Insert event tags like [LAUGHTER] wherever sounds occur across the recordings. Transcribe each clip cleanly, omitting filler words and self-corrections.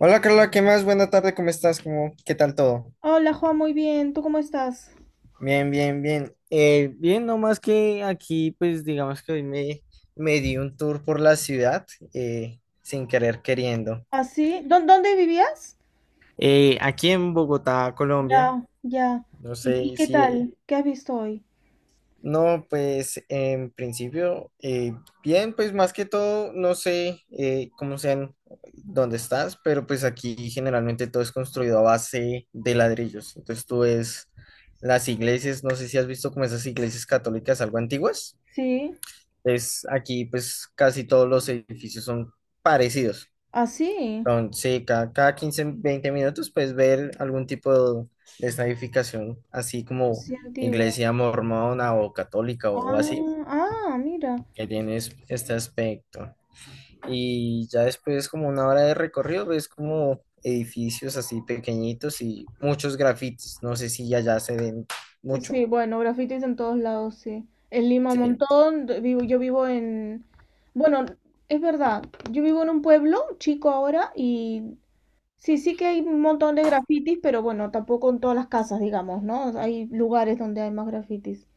Hola Carla, ¿qué más? Buena tarde, ¿cómo estás? ¿Cómo, qué tal todo? Hola, Juan, muy bien. ¿Tú cómo estás? Bien, bien, bien. Bien, no más que aquí, pues digamos que hoy me di un tour por la ciudad, sin querer queriendo. ¿Así? ¿Dónde vivías? Aquí en Bogotá, Colombia, Ya, ya. no ¿Y sé ¿qué si, tal? ¿Qué has visto hoy? no, pues en principio, bien, pues más que todo, no sé cómo sean, dónde estás, pero pues aquí generalmente todo es construido a base de ladrillos. Entonces tú ves las iglesias, no sé si has visto como esas iglesias católicas algo antiguas. Sí, Es aquí pues casi todos los edificios son parecidos. así, Entonces cada 15 20 minutos puedes ver algún tipo de esta edificación, así como así antiguo. iglesia mormona o católica o así Ah, ah, mira. que tienes este aspecto. Y ya después, como una hora de recorrido, ves como edificios así pequeñitos y muchos grafitis. No sé si allá se ven Sí, mucho. bueno, grafitis en todos lados, sí. En Lima un Sí. montón, yo vivo en... Bueno, es verdad, yo vivo en un pueblo chico ahora y sí, sí que hay un montón de grafitis, pero bueno, tampoco en todas las casas, digamos, ¿no? Hay lugares donde hay más grafitis.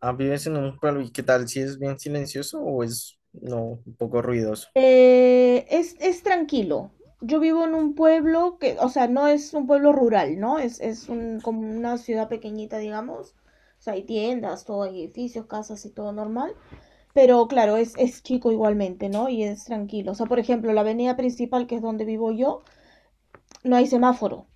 Ah, ¿vives en un pueblo y qué tal si es bien silencioso o es no, un poco ruidoso? Es tranquilo. Yo vivo en un pueblo que, o sea, no es un pueblo rural, ¿no? Es como una ciudad pequeñita, digamos. O sea, hay tiendas, todo, hay edificios, casas y todo normal. Pero claro, es chico igualmente, ¿no? Y es tranquilo. O sea, por ejemplo, la avenida principal, que es donde vivo yo, no hay semáforo,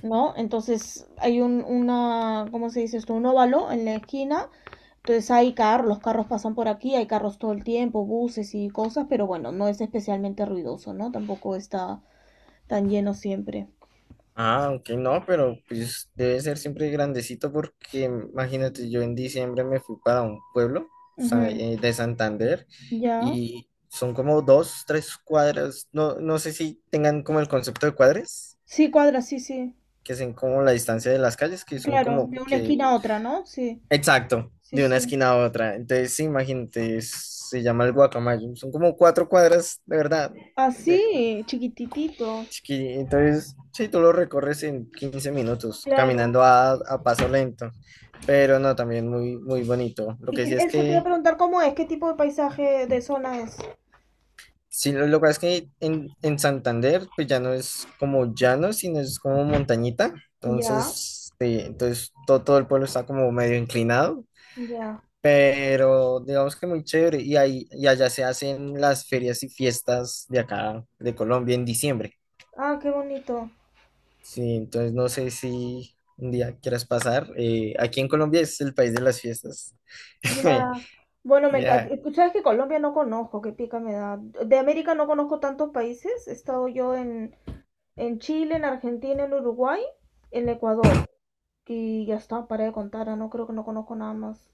¿no? Entonces hay ¿cómo se dice esto? Un óvalo en la esquina, entonces hay carros, los carros pasan por aquí, hay carros todo el tiempo, buses y cosas, pero bueno, no es especialmente ruidoso, ¿no? Tampoco está tan lleno siempre. Ah, ok, no, pero pues debe ser siempre grandecito porque imagínate, yo en diciembre me fui para un pueblo Ujú. De Santander Ya. y son como 2, 3 cuadras, no, no sé si tengan como el concepto de cuadras, Sí, cuadra, sí, sí. que son como la distancia de las calles, que son Claro, de como una que, esquina a otra, ¿no? Sí, exacto, sí, de una sí. esquina a otra. Entonces, sí, imagínate, se llama el Guacamayo, son como 4 cuadras, de verdad. Así, chiquititito. Entonces, sí, tú lo recorres en 15 minutos, Claro. caminando a paso lento, pero no, también muy, muy bonito. Lo que sí es Eso te iba a que, preguntar cómo es, qué tipo de paisaje de zona es. sí, lo que pasa es que en Santander, pues ya no es como llano, sino es como montañita. Ya, Entonces, sí, entonces todo el pueblo está como medio inclinado, ya. pero digamos que muy chévere. Y, ahí, y allá se hacen las ferias y fiestas de acá, de Colombia, en diciembre. Ah, qué bonito. Sí, entonces no sé si un día quieras pasar. Aquí en Colombia es el país de las fiestas. [LAUGHS] Ya. Bueno, me encanta. Ya, ¿Sabes que Colombia no conozco? Qué pica me da. De América no conozco tantos países. He estado yo en Chile, en Argentina, en Uruguay, en Ecuador. Y ya está, para de contar. No creo que no conozco nada más.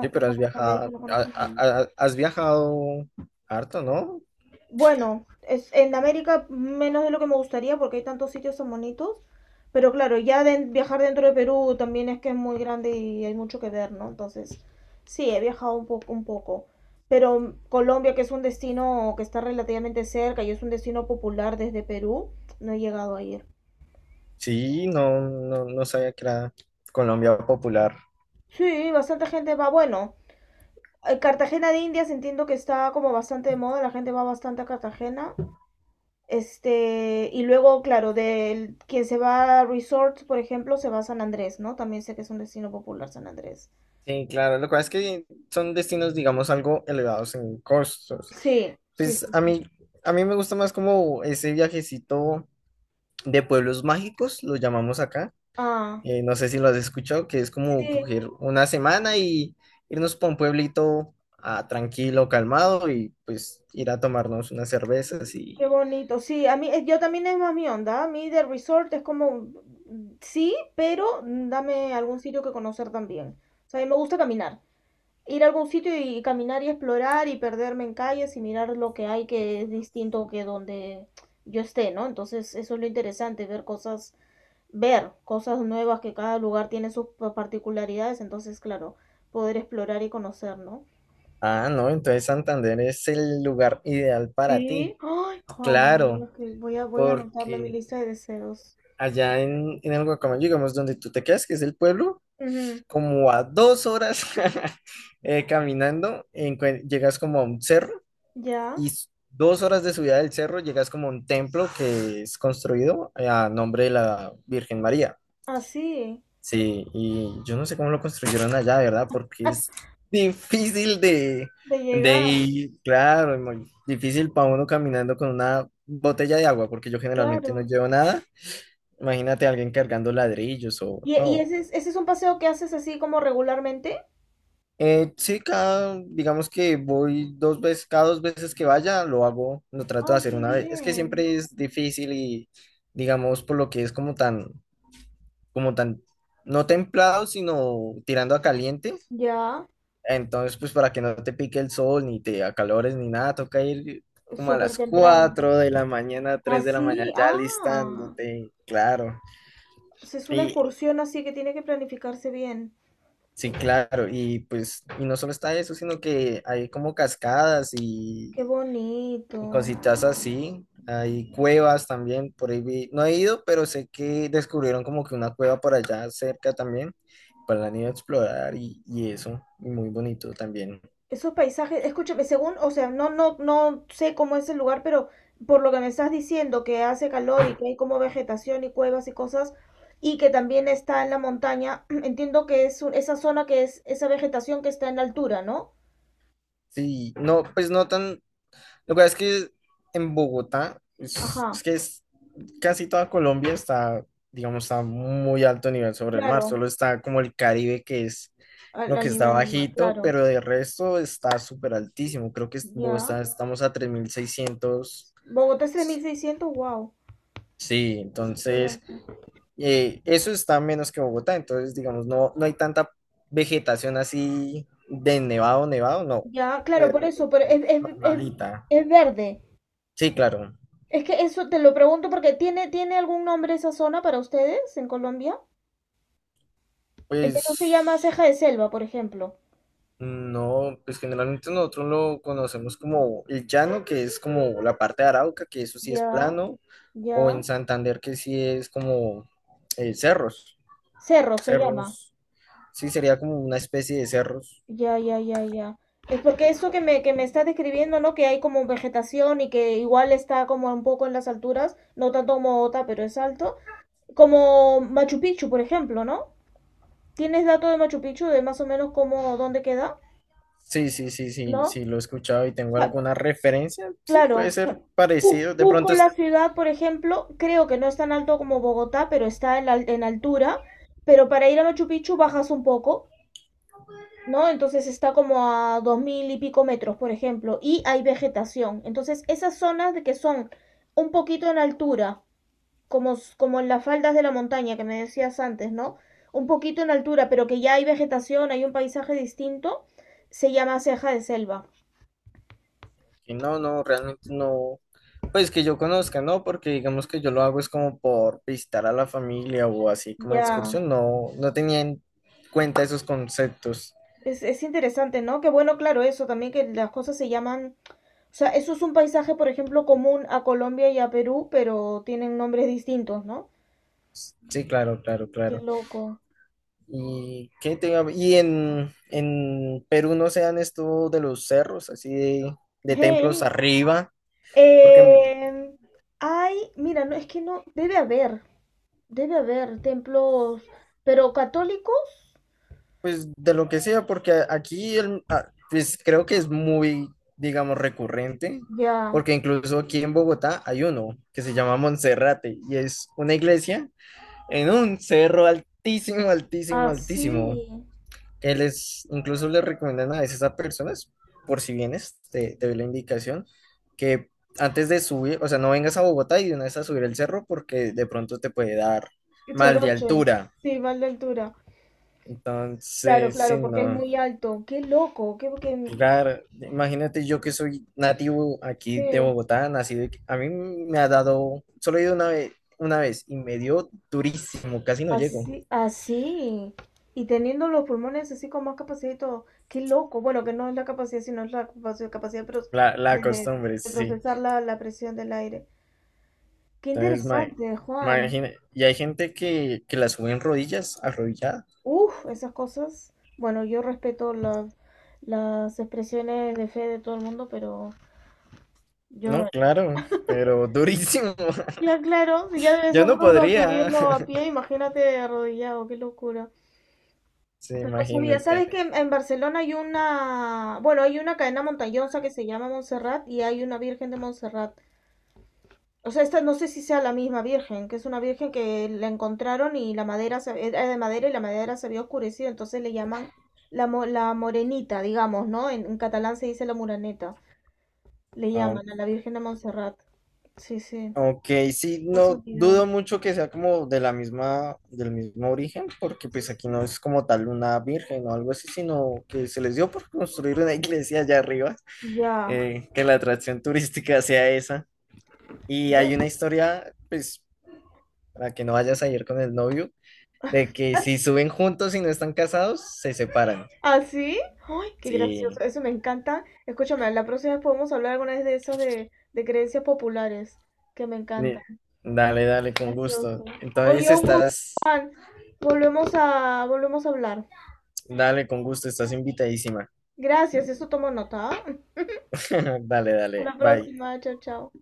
sí, no pero has conozco América, viajado, no conozco nada. Has viajado harto, ¿no? Bueno, es, en América menos de lo que me gustaría porque hay tantos sitios tan bonitos. Pero claro, viajar dentro de Perú también es que es muy grande y hay mucho que ver, ¿no? Entonces, sí, he viajado un poco, un poco. Pero Colombia, que es un destino que está relativamente cerca y es un destino popular desde Perú, no he llegado a ir. Sí, no sabía que era Colombia popular. Sí, bastante gente va. Bueno, Cartagena de Indias entiendo que está como bastante de moda, la gente va bastante a Cartagena. Este, y luego, claro, del quien se va a resorts, por ejemplo, se va a San Andrés, ¿no? También sé que es un destino popular San Andrés. Sí, claro, lo cual es que son destinos, digamos, algo elevados en costos. Sí, sí, Pues sí, sí. A mí me gusta más como ese viajecito de pueblos mágicos, lo llamamos acá. Ah, No sé si lo has escuchado, que es sí, como coger una semana y irnos para un pueblito tranquilo, calmado y pues ir a tomarnos unas cervezas qué y... bonito. Sí, a mí, yo también es más mi onda. A mí de resort es como, mm, sí, pero mm, dame algún sitio que conocer también. O sea, a mí me gusta caminar. Ir a algún sitio y caminar y explorar y perderme en calles y mirar lo que hay que es distinto que donde yo esté, ¿no? Entonces, eso es lo interesante, ver cosas, ver cosas nuevas, que cada lugar tiene sus particularidades, entonces, claro, poder explorar y conocer, ¿no? Ah, no, entonces Santander es el lugar ideal para Sí. ti, Ay, Juan, claro, es que voy a anotarlo en mi porque lista de deseos. allá en el Guacamayo, digamos, donde tú te quedas, que es el pueblo, Ujú. como a 2 horas [LAUGHS] caminando, llegas como a un cerro Ya, y 2 horas de subida del cerro llegas como a un templo que es construido a nombre de la Virgen María. así, Sí, y yo no sé cómo lo construyeron allá, de ¿verdad? Porque es difícil de de llegar, ir, claro, es muy difícil para uno caminando con una botella de agua, porque yo generalmente no claro. llevo nada. Imagínate a alguien cargando ladrillos o ¿Y no. ¿ese es, ese es un paseo que haces así como regularmente? Sí, cada, digamos que voy dos veces, cada dos veces que vaya, lo hago, lo trato Ah, de hacer qué una vez. Es que bien. siempre es difícil y, digamos, por lo que es como tan, no templado, sino tirando a caliente. Ya, Entonces, pues para que no te pique el sol, ni te acalores, ni nada, toca ir como a súper las temprano. 4 de la mañana, 3 de la mañana, Así, ya ah. alistándote, claro. o Es una Y, excursión así que tiene que planificarse bien. sí, claro, y pues, y no solo está eso, sino que hay como cascadas Qué bonito. y cositas así. Hay cuevas también, por ahí no he ido, pero sé que descubrieron como que una cueva por allá cerca también, para la niña explorar y eso, y muy bonito también. Esos paisajes, escúchame, según, o sea, no sé cómo es el lugar, pero por lo que me estás diciendo, que hace calor y que hay como vegetación y cuevas y cosas, y que también está en la montaña, [CLEARS THROAT] entiendo que esa zona que es, esa vegetación que está en la altura, ¿no? Sí, no, pues no tan... Lo que pasa es que en Bogotá, Ajá, es que es, casi toda Colombia está, digamos, está muy alto nivel sobre el mar, claro, solo está como el Caribe que es... Lo que al está nivel del mar, bajito, claro. pero de resto está súper altísimo. Creo que en Ya. Bogotá estamos a 3.600. Bogotá es 3600. Wow, Sí, súper entonces alto. Eso está menos que Bogotá, entonces digamos, no hay tanta vegetación así de nevado, nevado, no, Ya, claro, por pero pues, eso, pero es normalita. es verde. Sí, claro, Es que eso te lo pregunto porque tiene algún nombre esa zona para ustedes en Colombia? El Perú se llama pues ceja de selva, por ejemplo. no, pues generalmente nosotros lo conocemos como el llano, que es como la parte de Arauca, que eso sí es Ya, plano, o en ya. Santander, que sí es como cerros, Cerro se llama. cerros, sí sería como una especie de cerros. Ya, ya, ya, ya. Es porque eso que me estás describiendo, ¿no? Que hay como vegetación y que igual está como un poco en las alturas, no tanto como Ota, pero es alto. Como Machu Picchu, por ejemplo, ¿no? ¿Tienes dato de Machu Picchu de más o menos cómo, dónde queda? Sí, sí, sí, sí, ¿No? sí, lo he escuchado y tengo alguna referencia, sí, Claro, puede o ser parecido, de Cusco, pronto es la ciudad, por ejemplo, creo que no es tan alto como Bogotá, pero está en altura. Pero para ir a Machu Picchu bajas un poco, ¿no? Entonces está como a 2000 y pico metros, por ejemplo, y hay vegetación. Entonces, esas zonas de que son un poquito en altura, como en las faldas de la montaña que me decías antes, ¿no? Un poquito en altura, pero que ya hay vegetación, hay un paisaje distinto, se llama ceja de selva. que no, no, realmente no, pues que yo conozca, ¿no? Porque digamos que yo lo hago es como por visitar a la familia o así como de Ya. excursión, no, no tenía en cuenta esos conceptos. Es interesante, ¿no? Qué bueno, claro, eso también que las cosas se llaman, o sea, eso es un paisaje, por ejemplo, común a Colombia y a Perú, pero tienen nombres distintos, ¿no? Sí, claro, claro, Qué claro. loco. ¿Y qué te iba a- Y en Perú no se dan esto de los cerros, así de templos Hey. arriba, porque Eh, hay, mira, no, es que no, debe haber templos, pero católicos, pues de lo que sea, porque aquí pues creo que es muy, digamos, recurrente, ya, porque incluso aquí en Bogotá hay uno que se llama Monserrate y es una iglesia en un cerro altísimo, altísimo, altísimo. así, Que les, incluso le recomiendan a veces a personas, por si vienes, te doy la indicación, que antes de subir, o sea, no vengas a Bogotá y de una vez a subir el cerro porque de pronto te puede dar mal de Soroche, altura. sí, mal de altura. Claro, Entonces, sí, claro, porque es no. muy alto. Qué loco, qué, qué- Claro, imagínate yo que soy nativo aquí de sí. Bogotá, nacido, aquí. A mí me ha dado, solo he ido una vez y me dio durísimo, casi no llego. Así, así. Y teniendo los pulmones así con más capacidad y todo. Qué loco. Bueno, que no es la capacidad, sino es la capacidad de, La de- de- costumbre, de sí. procesar la, la presión del aire. Qué Entonces, interesante, Juan. imagina, y hay gente que la sube en rodillas, arrodillada. Uf, esas cosas. Bueno, yo respeto las expresiones de fe de todo el mundo, pero yo no lo No, haría. claro, pero durísimo. [LAUGHS] Ya, claro, si ya debe Yo ser no duro podría. subirlo a [LAUGHS] pie, imagínate arrodillado, qué locura. Sí, No sabía. ¿Sabes imagínate. que en Barcelona hay una, bueno, hay una cadena montañosa que se llama Montserrat y hay una Virgen de Montserrat. O sea, esta no sé si sea la misma Virgen, que es una Virgen que la encontraron y la madera se, era de madera y la madera se había oscurecido, entonces le llaman la morenita, digamos, ¿no? En catalán se dice la muraneta. Le llaman a la Virgen de Montserrat. Sí, sí. Ok, sí, no Casualidad. dudo mucho que sea como de la misma, del mismo origen, porque pues aquí no es como tal una virgen o algo así, sino que se les dio por construir una [LAUGHS] iglesia allá arriba, Ya. Que la atracción turística sea esa. Y hay una [LAUGHS] historia, pues, para que no vayas a ir con el novio, de que si suben juntos y no están casados, se separan. ¿Ah, sí? ¡Ay, qué gracioso! Sí, Eso me encanta. Escúchame, la próxima vez podemos hablar alguna vez de esas de creencias populares, que me ni- encantan. dale, dale, con Gracioso. gusto. Entonces Oye, un gusto, estás, Juan. Volvemos a hablar. dale, con gusto, estás invitadísima. Gracias, eso tomo nota. ¿Ah? [LAUGHS] [LAUGHS] Dale, Hasta dale, la bye. próxima. Chao, chao.